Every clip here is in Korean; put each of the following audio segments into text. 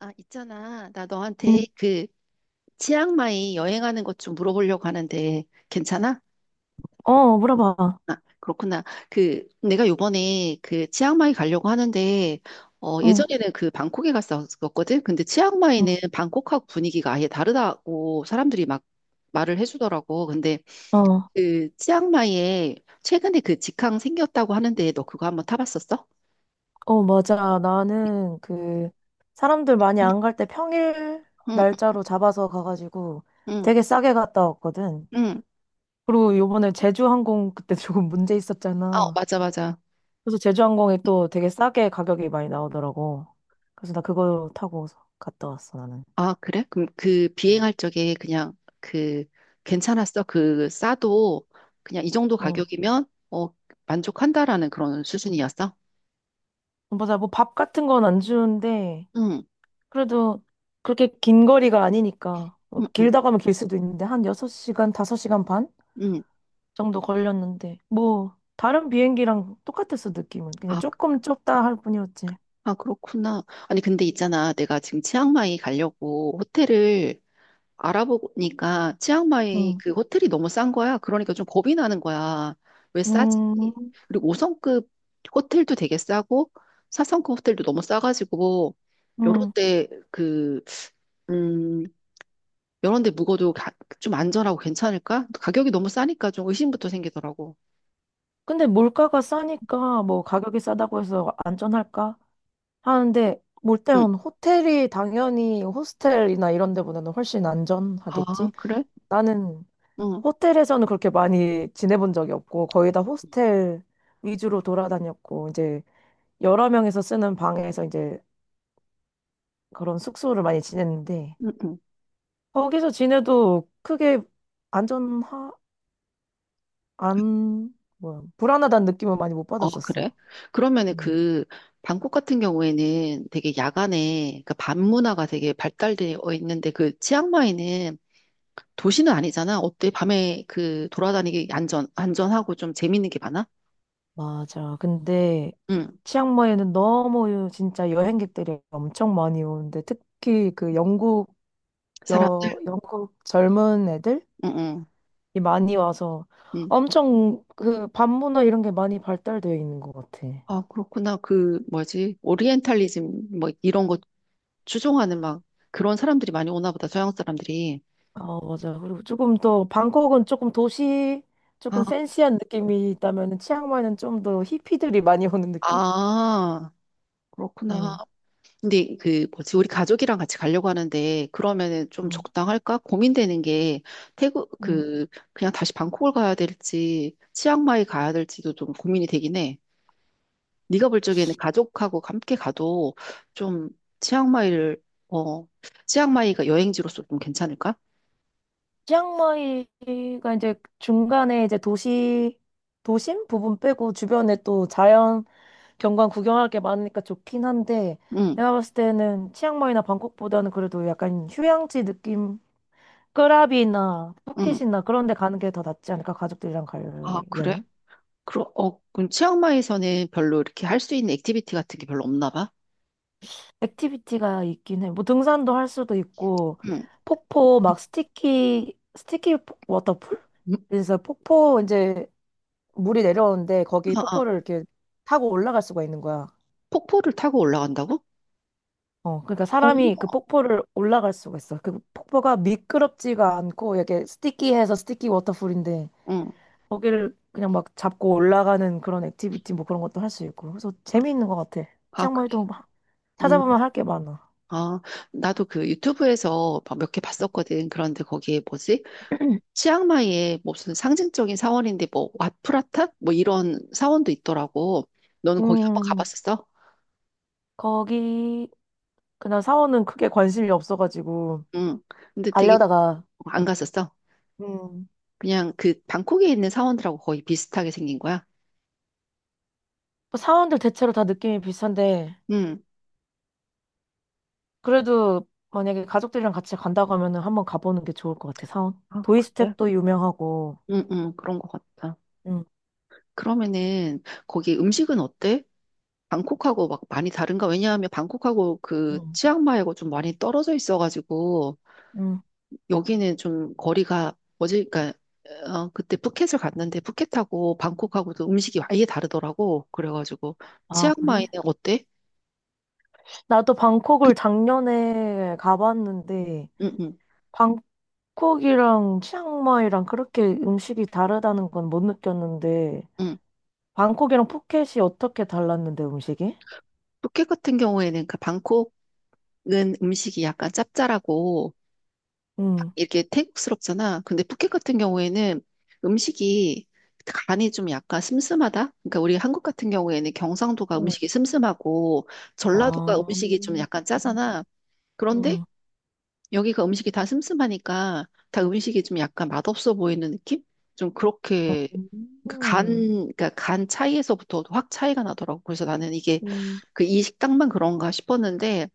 아, 있잖아. 나 너한테 응. 그 치앙마이 여행하는 것 좀 물어보려고 하는데 괜찮아? 어, 물어봐. 아, 그렇구나. 그 내가 요번에 그 치앙마이 가려고 하는데 어, 어, 예전에는 그 방콕에 갔었거든. 근데 어, 치앙마이는 방콕하고 분위기가 아예 다르다고 사람들이 막 말을 해주더라고. 근데 어, 그 치앙마이에 최근에 그 직항 생겼다고 하는데 너 그거 한번 타봤었어? 어, 맞아. 나는 그 사람들 많이 안 갈 때 평일 응, 날짜로 잡아서 가가지고 응, 되게 싸게 갔다 왔거든. 응. 응. 그리고 요번에 제주항공 그때 조금 문제 아, 있었잖아. 맞아, 맞아. 그래서 제주항공이 또 되게 싸게 가격이 많이 나오더라고. 그래서 나 그거 타고 갔다 왔어, 나는. 아, 그래? 그럼 그 비행할 적에 그냥 그 괜찮았어? 그 싸도 그냥 이 정도 어, 가격이면 어, 만족한다라는 그런 수준이었어? 어, 맞아. 뭐 밥 같은 건 안 주는데 응, 그래도 그렇게 긴 거리가 아니니까. 뭐 응, 응, 길다 가면 길 수도 있는데 한 6시간, 5시간 반? 응. 정도 걸렸는데 뭐 다른 비행기랑 똑같았어, 느낌은. 그냥 아, 조금 좁다 할 뿐이었지. 아, 그렇구나. 아니, 근데 있잖아. 내가 지금 치앙마이 가려고 호텔을 알아보니까 치앙마이 응. 그 호텔이 너무 싼 거야. 그러니까 좀 겁이 나는 거야. 왜 싸지? 음. 그리고 5성급 호텔도 되게 싸고 4성급 호텔도 너무 싸가지고 요럴 음. 때그 음, 여러 데 묵어도 좀 안전하고 괜찮을까? 가격이 너무 싸니까 좀 의심부터 생기더라고. 근데 물가가 싸니까 뭐 가격이 싸다고 해서 안전할까 하는데 몰 응. 일단 호텔이 당연히 호스텔이나 이런 데보다는 훨씬 아, 안전하겠지. 그래? 나는 응, 호텔에서는 그렇게 많이 지내본 적이 없고 거의 다 호스텔 위주로 돌아다녔고 이제 여러 명이서 쓰는 방에서 이제 그런 숙소를 많이 지냈는데 응, 응. 거기서 지내도 크게 안전하, 안, 뭐야, 불안하다는 느낌을 많이 못 아, 그래? 받았었어. 그러면은 음, 그, 방콕 같은 경우에는 되게 야간에, 그 밤 문화가 되게 발달되어 있는데 그 치앙마이는 도시는 아니잖아. 어때? 밤에 그 돌아다니기 안전하고 좀 재밌는 게 많아? 맞아. 근데 응, 치앙마이는 너무 진짜 여행객들이 엄청 많이 오는데 특히 그 영국, 사람들? 영국 젊은 애들이 응, 응, 많이 와서 응. 엄청 그 반문화 이런 게 많이 발달되어 있는 것 같아. 아, 그렇구나. 그, 뭐지? 오리엔탈리즘, 뭐, 이런 거 추종하는 막 그런 사람들이 많이 오나 보다, 서양 사람들이. 어, 맞아. 그리고 조금 더 방콕은 아, 조금 팬시한 느낌이 있다면 치앙마이는 좀 더 히피들이 많이 오는 느낌? 아, 그렇구나. 음. 근데 그 뭐지, 우리 가족이랑 같이 가려고 하는데, 그러면은 좀 음. 적당할까? 고민되는 게, 태국, 음. 그, 그냥 다시 방콕을 가야 될지, 치앙마이 가야 될지도 좀 고민이 되긴 해. 네가 볼 적에는 가족하고 함께 가도 좀 치앙마이를, 어, 치앙마이가 여행지로서 좀 괜찮을까? 치앙마이가 이제 중간에 이제 도심 부분 빼고 주변에 또 자연 경관 구경할 게 많으니까 좋긴 한데 응, 내가 봤을 때는 치앙마이나 방콕보다는 그래도 약간 휴양지 느낌, 끄라비나 응. 푸켓이나 그런 데 가는 게 더 낫지 않을까? 가족들이랑 아, 가려면? 그래? 그럼 치앙마이에서는 별로 이렇게 할 수 있는 액티비티 같은 게 별로 없나 봐? 액티비티가 있긴 해. 뭐 등산도 할 수도 있고 응. 폭포 막 스티키 워터풀? 음? 그래서 폭포 이제 물이 내려오는데 거기 아, 아, 폭포를 이렇게 타고 올라갈 수가 있는 거야. 폭포를 타고 올라간다고? 어, 그러니까 어, 사람이 그 폭포를 올라갈 수가 있어. 그 폭포가 미끄럽지가 않고 이렇게 스티키해서 스티키 워터풀인데 응. 거기를 그냥 막 잡고 올라가는 그런 액티비티 뭐 그런 것도 할 수 있고. 그래서 아, 재미있는 것 같아. 아, 치앙마이도 그래. 막 찾아보면 음. 할 게 많아. 아, 나도 그 유튜브에서 몇 개 봤었거든. 그런데 거기에 뭐지? 치앙마이에 무슨 상징적인 사원인데 뭐 와프라탑? 뭐 이런 사원도 있더라고. 너는 거기 한번 음, 가봤었어? 거기 그냥 사원은 크게 관심이 없어가지고 응. 근데 되게 알려다가. 안 갔었어. 음. 그냥 그 방콕에 있는 사원들하고 거의 비슷하게 생긴 거야. 뭐 사원들 대체로 다 느낌이 비슷한데 응. 그래도 만약에 가족들이랑 같이 간다고 하면은 한번 가보는 게 좋을 것 같아. 사원 아, 그래? 도이스텝도 유명하고. 응, 응, 그런 것 같아. 음. 그러면은 거기 음식은 어때? 방콕하고 막 많이 다른가? 왜냐하면 방콕하고 그 음. 치앙마이하고 좀 많이 떨어져 있어가지고 음. 여기는 좀 거리가 어제 그러니까 어, 그때 푸켓을 갔는데 푸켓하고 방콕하고도 음식이 아예 다르더라고. 그래가지고 아, 치앙마이는 그래? 어때? 나도 방콕을 작년에 가봤는데 응, 응, 방콕이랑 치앙마이랑 그렇게 음식이 다르다는 건 못 느꼈는데 응. 방콕이랑 푸켓이 어떻게 달랐는데 음식이? 푸켓 같은 경우에는 그 방콕은 음식이 약간 짭짤하고 딱 응. 이렇게 태국스럽잖아. 근데 푸켓 같은 경우에는 음식이 간이 좀 약간 슴슴하다? 그러니까 우리 한국 같은 경우에는 경상도가 음식이 응. 슴슴하고 전라도가 아. 음식이 좀 약간 짜잖아. 그런데 음. 여기가 음식이 다 슴슴하니까 다 음식이 좀 약간 맛없어 보이는 느낌? 좀 그렇게 그러니까 간, 음. 그러니까 간 차이에서부터 확 차이가 나더라고. 그래서 나는 이게 음. 그 이 식당만 그런가 싶었는데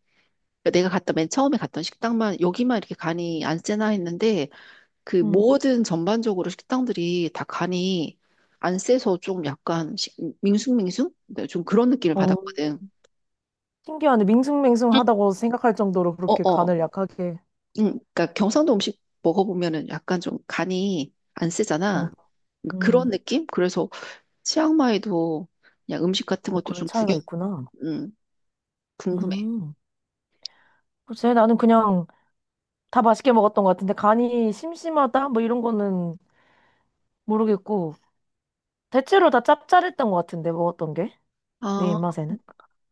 그러니까 내가 갔다 맨 처음에 갔던 식당만 여기만 이렇게 간이 안 세나 했는데 그 음. 모든 전반적으로 식당들이 다 간이 안 세서 좀 약간 밍숭밍숭? 네, 좀 그런 느낌을 어, 받았거든. 신기하네. 밍숭맹숭하다고 생각할 정도로 그렇게 어어. 간을 약하게. 응, 그러니까 경상도 음식 먹어보면은 약간 좀 간이 안 어. 세잖아. 그런 음. 느낌? 그래서 치앙마이도 그냥 음식 같은 어, 것도 그런 좀 차이가 구경, 있구나. 응, 궁금해. 음. 글쎄, 나는 그냥 다 맛있게 먹었던 것 같은데, 간이 심심하다? 뭐 이런 거는 모르겠고, 대체로 다 짭짤했던 것 같은데, 먹었던 게. 내 아, 입맛에는.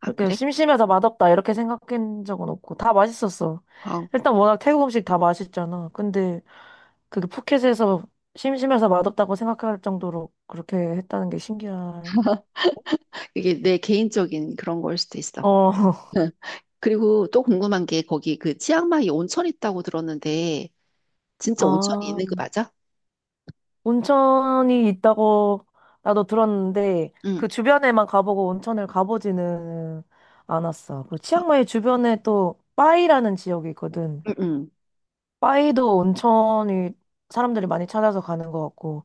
아, 그래? 심심해서 맛없다, 이렇게 생각한 적은 없고, 다 맛있었어. 아, 일단 워낙 태국 음식 다 맛있잖아. 근데 그게 포켓에서 심심해서 맛없다고 생각할 정도로 그렇게 했다는 게 신기할. 이게 내 개인적인 그런 걸 수도 있어. 어. 응. 그리고 또 궁금한 게 거기 그 치앙마이 온천 있다고 들었는데 진짜 온천이 아, 있는 거 맞아? 온천이 있다고 나도 들었는데 응, 그 주변에만 가보고 온천을 가보지는 않았어. 그 아, 치앙마이 주변에 또 빠이라는 지역이 있거든. 응, 응. 빠이도 온천이 사람들이 많이 찾아서 가는 것 같고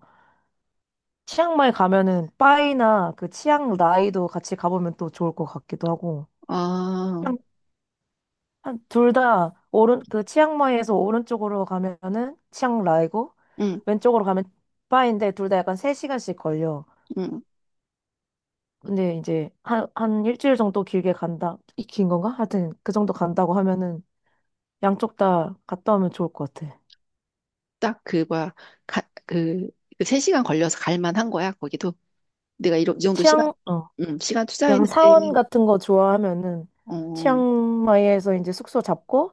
치앙마이 가면은 빠이나 그 치앙라이도 같이 가보면 또 좋을 것 같기도 하고. 아, 둘 다 오른 그 치앙마이에서 오른쪽으로 가면은 치앙라이고 응, 왼쪽으로 가면 파인데 둘 다 약간 3시간씩 걸려. 응. 근데 이제 한 일주일 정도 길게 간다. 이 긴 건가? 하여튼 그 정도 간다고 하면은 양쪽 다 갔다 오면 좋을 것 같아. 딱 그, 뭐야, 가, 그, 그 3시간 걸려서 갈 만한 거야, 거기도. 내가 이러, 이 정도 시간, 치앙 어 응, 시간 투자했는데, 양사원 같은 거 좋아하면은 어, 치앙마이에서 이제 숙소 잡고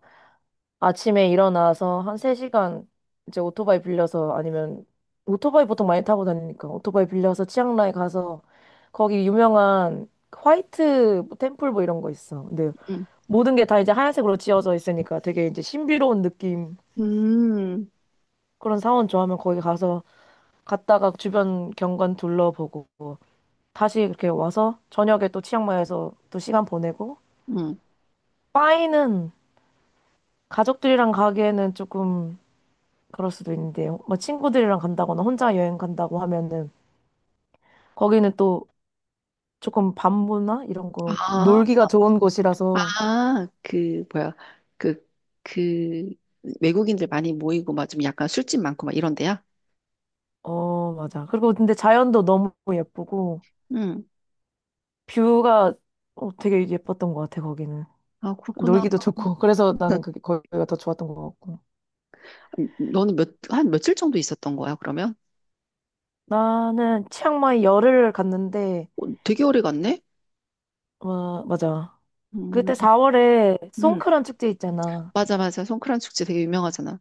아침에 일어나서 한 3시간 이제 오토바이 빌려서 아니면 오토바이 보통 많이 타고 다니니까 오토바이 빌려서 치앙마이 가서 거기 유명한 화이트 뭐 템플 뭐 이런 거 있어. 근데 응, 모든 게 다 이제 하얀색으로 지어져 있으니까 되게 이제 신비로운 느낌 음, 그런 사원 좋아하면 거기 가서 갔다가 주변 경관 둘러보고 다시 이렇게 와서 저녁에 또 치앙마이에서 또 시간 보내고, 응. 파이는 가족들이랑 가기에는 조금 그럴 수도 있는데, 뭐 친구들이랑 간다거나 혼자 여행 간다고 하면은 거기는 또 조금 반부나 이런 거, 아, 놀기가 좋은 곳이라서. 아, 그, 뭐야, 그, 그, 외국인들 많이 모이고, 막 좀 약간 술집 많고, 막 이런 데야? 어, 맞아. 그리고 근데 자연도 너무 예쁘고, 응. 뷰가 되게 예뻤던 것 같아, 거기는. 아, 그렇구나. 놀기도 좋고, 그래서 나는 그게 거기가 더 좋았던 것 같고. 너는 몇, 한 며칠 정도 있었던 거야, 그러면? 나는 치앙마이 열흘을 갔는데, 어, 되게 오래 갔네? 어, 맞아. 음, 그때 4월에 음. 송크란 축제 있잖아. 맞아, 맞아. 송크란 축제 되게 유명하잖아.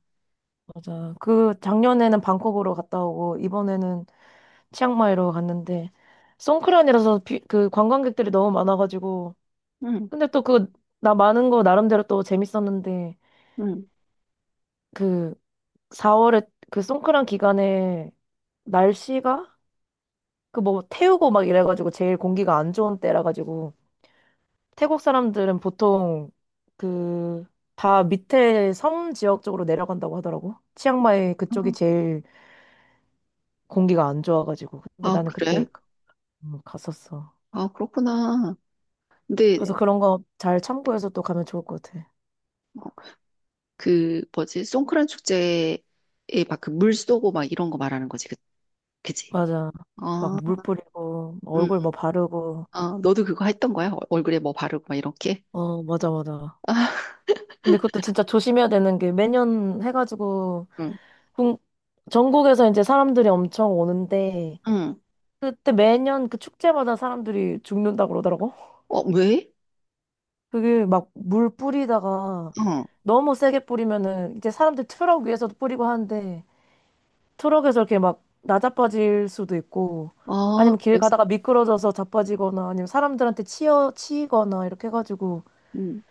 맞아. 그 작년에는 방콕으로 갔다 오고, 이번에는 치앙마이로 갔는데 송크란이라서 그 관광객들이 너무 많아가지고 응, 근데 또 그 나 많은 거 나름대로 또 재밌었는데 응. 그 4월에 그 송크란 기간에 날씨가 그 뭐 태우고 막 이래가지고 제일 공기가 안 좋은 때라 가지고 태국 사람들은 보통 그 다 밑에 섬 지역 쪽으로 내려간다고 하더라고. 치앙마이 그쪽이 제일 공기가 안 좋아가지고 근데 아, 나는 그때 그래? 갔었어. 아, 그렇구나. 그래서 근데, 그런 거 잘 참고해서 또 가면 좋을 것 같아. 어, 그, 뭐지, 송크란 축제에 막 그 물 쏘고 막 이런 거 말하는 거지, 그, 그지? 맞아. 막 아, 물 뿌리고, 응. 얼굴 뭐 바르고. 아, 너도 그거 했던 거야? 얼굴에 뭐 바르고 막 이렇게? 어, 맞아, 맞아. 아, 근데 그것도 진짜 조심해야 되는 게 매년 해가지고, 응, 국- 전국에서 이제 사람들이 엄청 오는데, 응. 그때 매년 그 축제마다 사람들이 죽는다고 그러더라고. 어, 왜? 그게 막 물 뿌리다가 어, 너무 세게 뿌리면은 이제 사람들 트럭 위에서도 뿌리고 하는데, 트럭에서 이렇게 막 나자빠질 수도 있고, 아, 아니면 길 그래서, 가다가 미끄러져서 자빠지거나 아니면 사람들한테 치여 치이거나 이렇게 해가지고 응.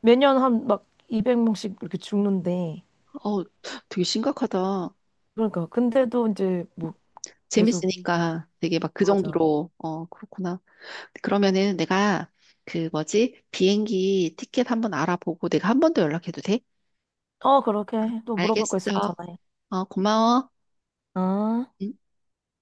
매년 한 막 200명씩 이렇게 죽는데. 어, 되게 심각하다. 그러니까 근데도 이제 뭐 계속 재밌으니까 되게 막 그 맞아. 정도로, 어, 그렇구나. 그러면은 내가 그 뭐지? 비행기 티켓 한번 알아보고 내가 한 번 더 연락해도 돼? 어, 그렇게 해. 또 물어볼 거 알겠어. 있으면 전화해. 어, 고마워. 아. 응.